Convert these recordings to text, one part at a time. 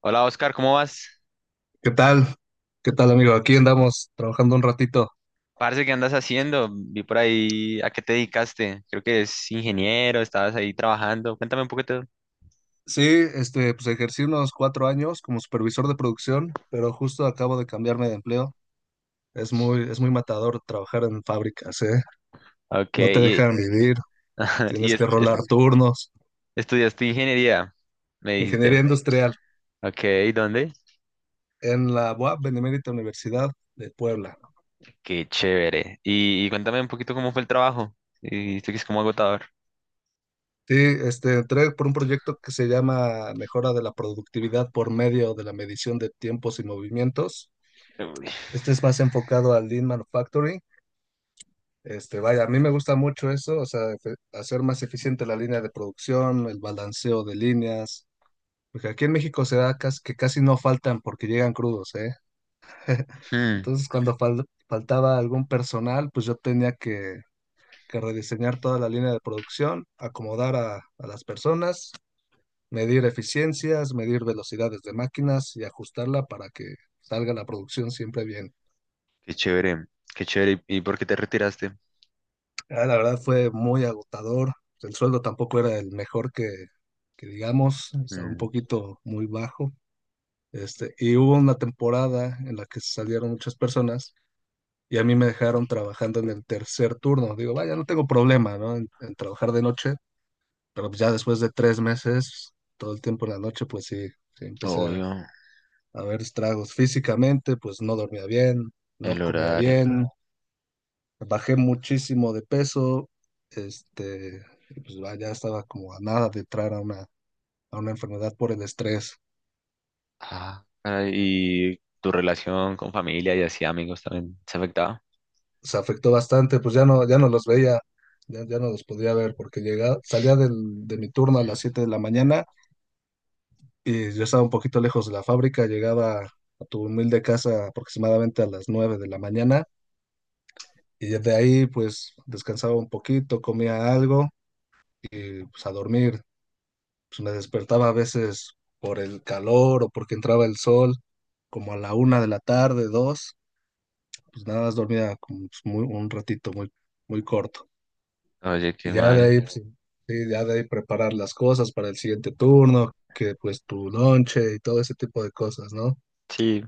Hola Oscar, ¿cómo vas? ¿Qué tal? ¿Qué tal, amigo? Aquí andamos trabajando un ratito. Parce, ¿qué andas haciendo? Vi por ahí a qué te dedicaste. Creo que es ingeniero, estabas ahí trabajando. Cuéntame un poquito. Sí, pues ejercí unos 4 años como supervisor de producción, pero justo acabo de cambiarme de empleo. Es muy matador trabajar en fábricas, ¿eh? Ok, No te y, dejan vivir, y tienes es- que es- rolar turnos. estudiaste ingeniería, me dijiste. Ingeniería industrial Ok, ¿dónde? en la UAP, Benemérita Universidad de Puebla. Qué chévere. Y cuéntame un poquito cómo fue el trabajo. Y dijiste que es como agotador. Sí, entré por un proyecto que se llama Mejora de la Productividad por medio de la medición de tiempos y movimientos. Uy. Este es más enfocado al Lean Manufacturing. Vaya, a mí me gusta mucho eso, o sea, hacer más eficiente la línea de producción, el balanceo de líneas, porque aquí en México se da que casi no faltan porque llegan crudos, ¿eh? Hmm, Entonces, cuando faltaba algún personal, pues yo tenía que rediseñar toda la línea de producción, acomodar a las personas, medir eficiencias, medir velocidades de máquinas y ajustarla para que salga la producción siempre bien. Qué chévere, qué chévere. ¿Y por qué te retiraste? Ah, la verdad fue muy agotador. El sueldo tampoco era el mejor que digamos, estaba un Mm, poquito muy bajo. Y hubo una temporada en la que salieron muchas personas y a mí me dejaron trabajando en el tercer turno. Digo, vaya, no tengo problema, ¿no? En trabajar de noche, pero pues ya después de 3 meses, todo el tiempo en la noche, pues sí empecé a, Obvio, a ver estragos físicamente, pues no dormía bien, no el comía horario. bien. Bajé muchísimo de peso, este, y pues ya estaba como a nada de entrar a una enfermedad por el estrés. Ah, caray, y tu relación con familia y así amigos también se afectaba. Se afectó bastante, pues ya no los veía, ya no los podía ver porque llegaba, salía de mi turno a las 7 de la mañana y yo estaba un poquito lejos de la fábrica, llegaba a tu humilde casa aproximadamente a las 9 de la mañana y de ahí pues descansaba un poquito, comía algo y pues a dormir. Pues me despertaba a veces por el calor o porque entraba el sol como a la 1 de la tarde, dos, pues nada más dormía como pues, muy, un ratito muy, muy corto. Oye, qué Y ya de mal. ahí, pues, sí, sí, ya de ahí preparar las cosas para el siguiente turno, que pues tu lonche y todo ese tipo de cosas, ¿no? Sí.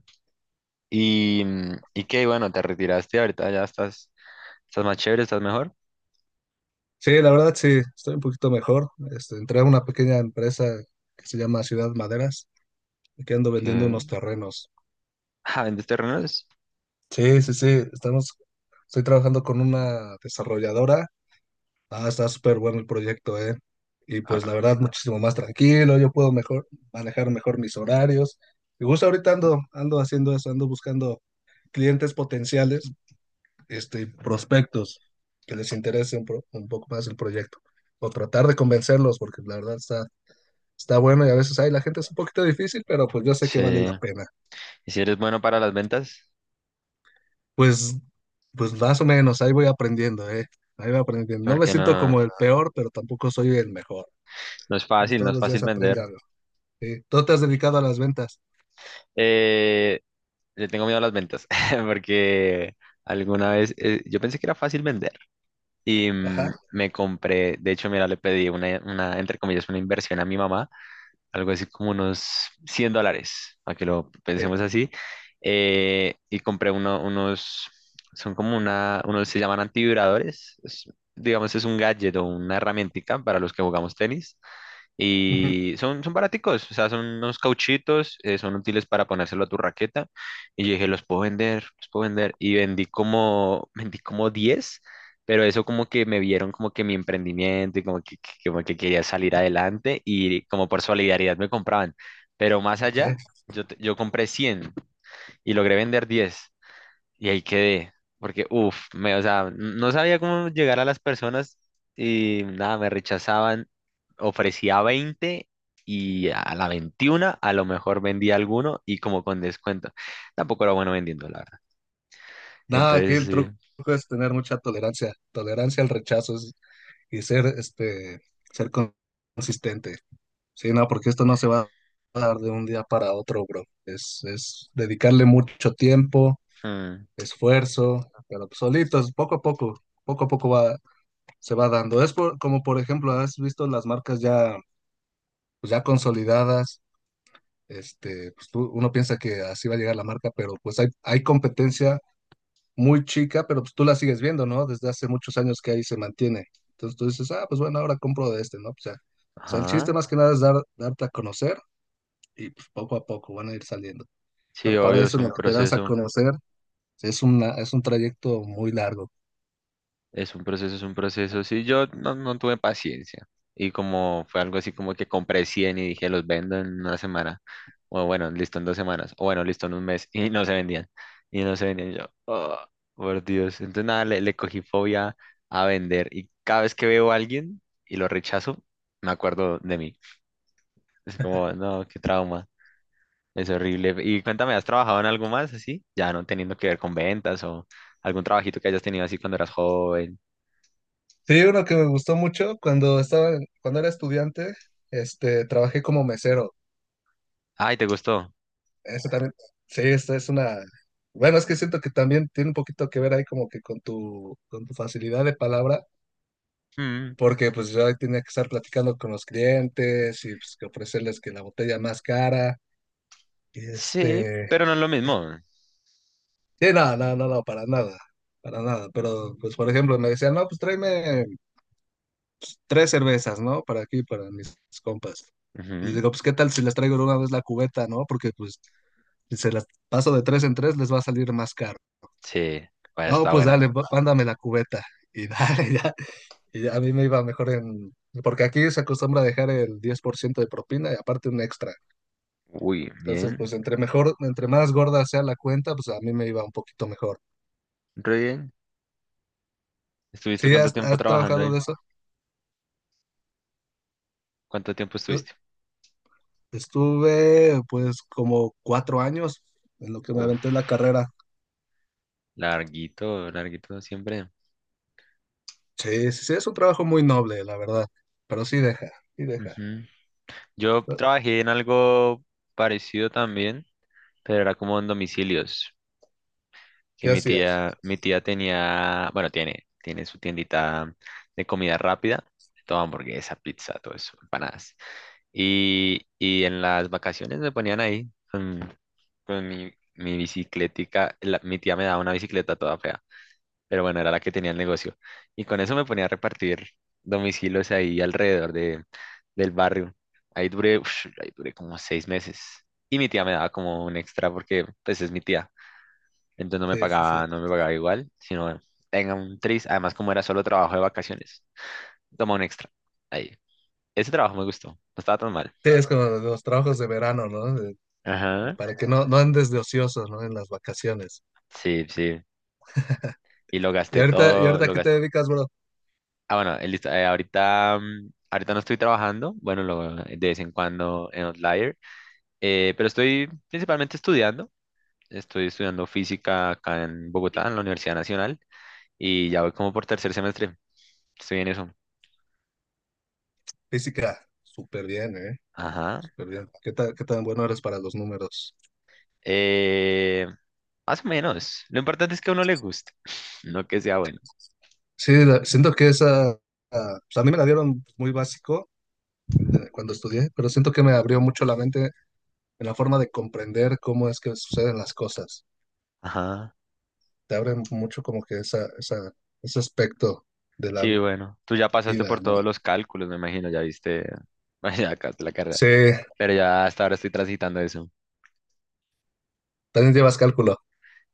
Y qué, bueno, te retiraste ahorita, estás más chévere, estás mejor. Sí, la verdad sí, estoy un poquito mejor. Entré a una pequeña empresa que se llama Ciudad Maderas, y que ando vendiendo ¿Qué? unos terrenos. Ah, ¿vendes terrenos? Sí, sí, sí, estamos, estoy trabajando con una desarrolladora. Ah, está súper bueno el proyecto, ¿eh? Y pues Ah, la verdad, muchísimo más tranquilo, yo puedo mejor manejar mejor mis horarios. Y justo ahorita ando haciendo eso, ando buscando clientes potenciales, prospectos que les interese un poco más el proyecto. O tratar de convencerlos, porque la verdad está bueno y a veces, ay, la gente es un poquito difícil, pero pues yo sé que sí. vale la pena. ¿Y si eres bueno para las ventas? Pues, pues más o menos, ahí voy aprendiendo, ¿eh? Ahí voy aprendiendo. No me Porque siento no, como el peor, pero tampoco soy el mejor. no es fácil, no Todos es los fácil días aprende vender. algo. Sí, tú te has dedicado a las ventas. Eh, Le tengo miedo a las ventas, porque alguna vez yo pensé que era fácil vender y Ajá, me compré, de hecho, mira, le pedí entre comillas, una inversión a mi mamá, algo así como unos $100, a que lo pensemos sí. así. Y compré unos, son como unos se llaman antivibradores. Digamos, es un gadget o una herramientica para los que jugamos tenis. Ujú. Y son, son baraticos, o sea, son unos cauchitos, son útiles para ponérselo a tu raqueta. Y yo dije, los puedo vender, los puedo vender. Y vendí como, vendí como 10, pero eso como que me vieron como que mi emprendimiento y como que, como que quería salir adelante y como por solidaridad me compraban. Pero más Ok. allá, yo, yo compré 100 y logré vender 10 y ahí quedé, porque, uff, o sea, no sabía cómo llegar a las personas y nada, me rechazaban. Ofrecía 20 y a la 21 a lo mejor vendía alguno y como con descuento. Tampoco era bueno vendiendo, la verdad. Nada, aquí Entonces, el sí. truco es tener mucha tolerancia, tolerancia al rechazo y ser, ser consistente. Sí, no, porque esto no se va a dar de un día para otro, bro. Es dedicarle mucho tiempo, Hmm, esfuerzo, pero pues solitos, poco a poco va, se va dando. Es como, por ejemplo, has visto las marcas ya, pues, ya consolidadas. Pues uno piensa que así va a llegar la marca, pero pues hay competencia muy chica, pero pues tú la sigues viendo, ¿no? Desde hace muchos años que ahí se mantiene. Entonces tú dices, ah, pues bueno, ahora compro de este, ¿no? o sea, el chiste ajá. más que nada es darte a conocer y pues, poco a poco van a ir saliendo. Sí, Pero para obvio, es eso, en lo un que te das a proceso. conocer, es un trayecto muy largo. Es un proceso, es un proceso. Sí, yo no, no tuve paciencia. Y como fue algo así como que compré 100 y dije, los vendo en una semana. O bueno, listo en 2 semanas. O bueno, listo en un mes. Y no se vendían. Y no se vendían. Y yo, "Oh, por Dios." Entonces nada, le cogí fobia a vender. Y cada vez que veo a alguien y lo rechazo, me acuerdo de mí. Es como, no, qué trauma. Es horrible. Y cuéntame, ¿has trabajado en algo más así? Ya no teniendo que ver con ventas o algún trabajito que hayas tenido así cuando eras joven. Sí, uno que me gustó mucho cuando estaba, cuando era estudiante, trabajé como mesero. Ay, ¿te gustó? Eso también, sí, esta es una. Bueno, es que siento que también tiene un poquito que ver ahí como que con tu facilidad de palabra, Mm, porque pues yo ahí tenía que estar platicando con los clientes y pues que ofrecerles que la botella más cara. Y sí, pero no es lo mismo. sí, no, no, no, no, para nada, para nada. Pero pues por ejemplo me decían, no, pues tráeme tres cervezas, ¿no? Para aquí, para mis compas. Les Ujú. digo, pues qué tal si les traigo de una vez la cubeta, ¿no? Porque pues si se las paso de tres en tres les va a salir más caro. Sí, vaya, No, está pues buena. dale, mándame la cubeta. Y dale, ya. Y ya a mí me iba mejor en... Porque aquí se acostumbra a dejar el 10% de propina y aparte un extra. Uy, Entonces, bien, pues entre mejor, entre más gorda sea la cuenta, pues a mí me iba un poquito mejor. re bien. ¿Estuviste ¿Sí cuánto has, tiempo has trabajando trabajado ahí? de eso? ¿Cuánto tiempo Yo estuviste? estuve pues como 4 años en lo que me Uf, aventé la carrera. larguito, larguito siempre. Sí, sí, sí, es un trabajo muy noble, la verdad. Pero sí deja, sí deja. Ujú. Yo trabajé en algo parecido también, pero era como en domicilios, que ¿Qué mi hacías? tía, mi tía tenía, bueno, tiene, tiene su tiendita de comida rápida, todo hamburguesa, pizza, todo eso, empanadas. Y en las vacaciones me ponían ahí con mi bicicletica. Mi tía me daba una bicicleta toda fea, pero bueno, era la que tenía el negocio. Y con eso me ponía a repartir domicilios ahí alrededor del barrio. Ahí duré, ush, ahí duré como 6 meses. Y mi tía me daba como un extra porque pues es mi tía. Entonces no me Sí, sí, sí. pagaba, no me pagaba igual, sino tenga un tris. Además, como era solo trabajo de vacaciones, toma un extra. Ahí. Ese trabajo me gustó, no estaba tan mal. Sí, es como los trabajos de verano, ¿no? Ajá. Para que no andes de ociosos, ¿no? En las vacaciones. Sí, sí. Y lo ¿Y gasté ahorita, y todo, ahorita lo qué te gasté. dedicas, bro? Ah, bueno, listo, ahorita no estoy trabajando, bueno, de vez en cuando en Outlier, pero estoy principalmente estudiando. Estoy estudiando física acá en Bogotá, en la Universidad Nacional, y ya voy como por tercer semestre. Estoy en eso. Física, súper bien, ¿eh? Ajá. Súper bien. ¿Qué tan bueno eres para los números? Eh, Más o menos. Lo importante es que a uno le guste, no que sea bueno. Sí, siento que ah, pues a mí me la dieron muy básico cuando estudié, pero siento que me abrió mucho la mente en la forma de comprender cómo es que suceden las cosas. Ajá. Te abre mucho como que ese aspecto de la Sí, bueno. Tú ya pasaste vida, por ¿no? todos los cálculos, me imagino, ya viste, ya acabaste la carrera. Sí, Pero ya hasta ahora estoy transitando eso. también llevas cálculo.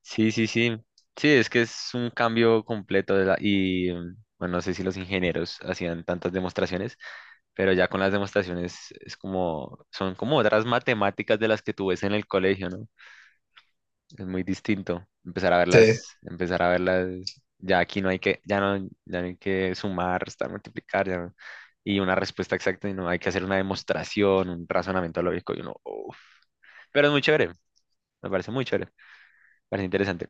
Sí, sí, sí. Sí, es que es un cambio completo de la- y bueno, no sé si los ingenieros hacían tantas demostraciones, pero ya con las demostraciones es como, son como otras matemáticas de las que tú ves en el colegio, ¿no? Es muy distinto. Sí. Empezar a verlas, ya aquí no hay que, ya no, ya no hay que sumar, restar, multiplicar, ya no. Y una respuesta exacta, y no hay que hacer una demostración, un razonamiento lógico, y uno, "Uf". Pero es muy chévere, me parece muy chévere, me parece interesante.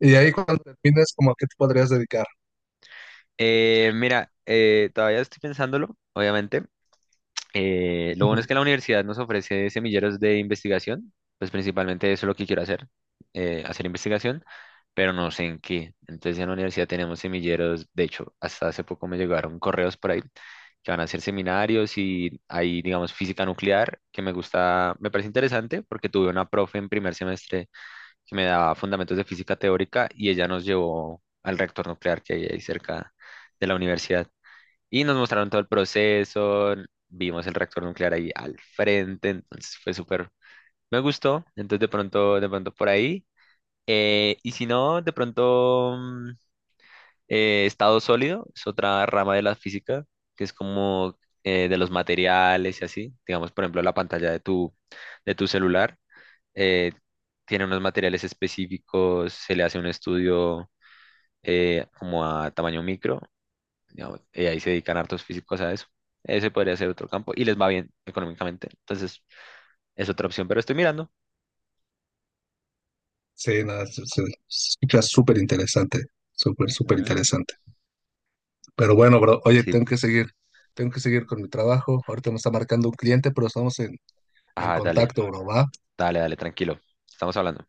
¿Y ahí cuando termines, como a qué te podrías dedicar? Mira, todavía estoy pensándolo, obviamente. Lo bueno es que la universidad nos ofrece semilleros de investigación, pues principalmente eso es lo que quiero hacer, hacer investigación, pero no sé en qué. Entonces en la universidad tenemos semilleros, de hecho, hasta hace poco me llegaron correos por ahí que van a hacer seminarios y hay, digamos, física nuclear, que me gusta, me parece interesante porque tuve una profe en primer semestre que me daba fundamentos de física teórica y ella nos llevó al reactor nuclear que hay ahí cerca de la universidad. Y nos mostraron todo el proceso, vimos el reactor nuclear ahí al frente, entonces fue súper, me gustó, entonces de pronto por ahí. Y si no, de pronto estado sólido es otra rama de la física, que es como de los materiales y así, digamos, por ejemplo, la pantalla de tu, celular eh, tiene unos materiales específicos, se le hace un estudio como a tamaño micro, digamos, y ahí se dedican hartos físicos a eso. Ese podría ser otro campo y les va bien económicamente. Entonces, es otra opción, pero estoy mirando. Sí, nada, se, se escucha súper interesante, súper, súper Ujú. interesante. Pero bueno, bro, oye, Sí. Tengo que seguir con mi trabajo. Ahorita me está marcando un cliente, pero estamos en Ah, dale, contacto, bro, ¿va? dale, dale, tranquilo. Estamos hablando.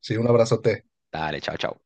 Sí, un abrazote. Dale, chao, chao.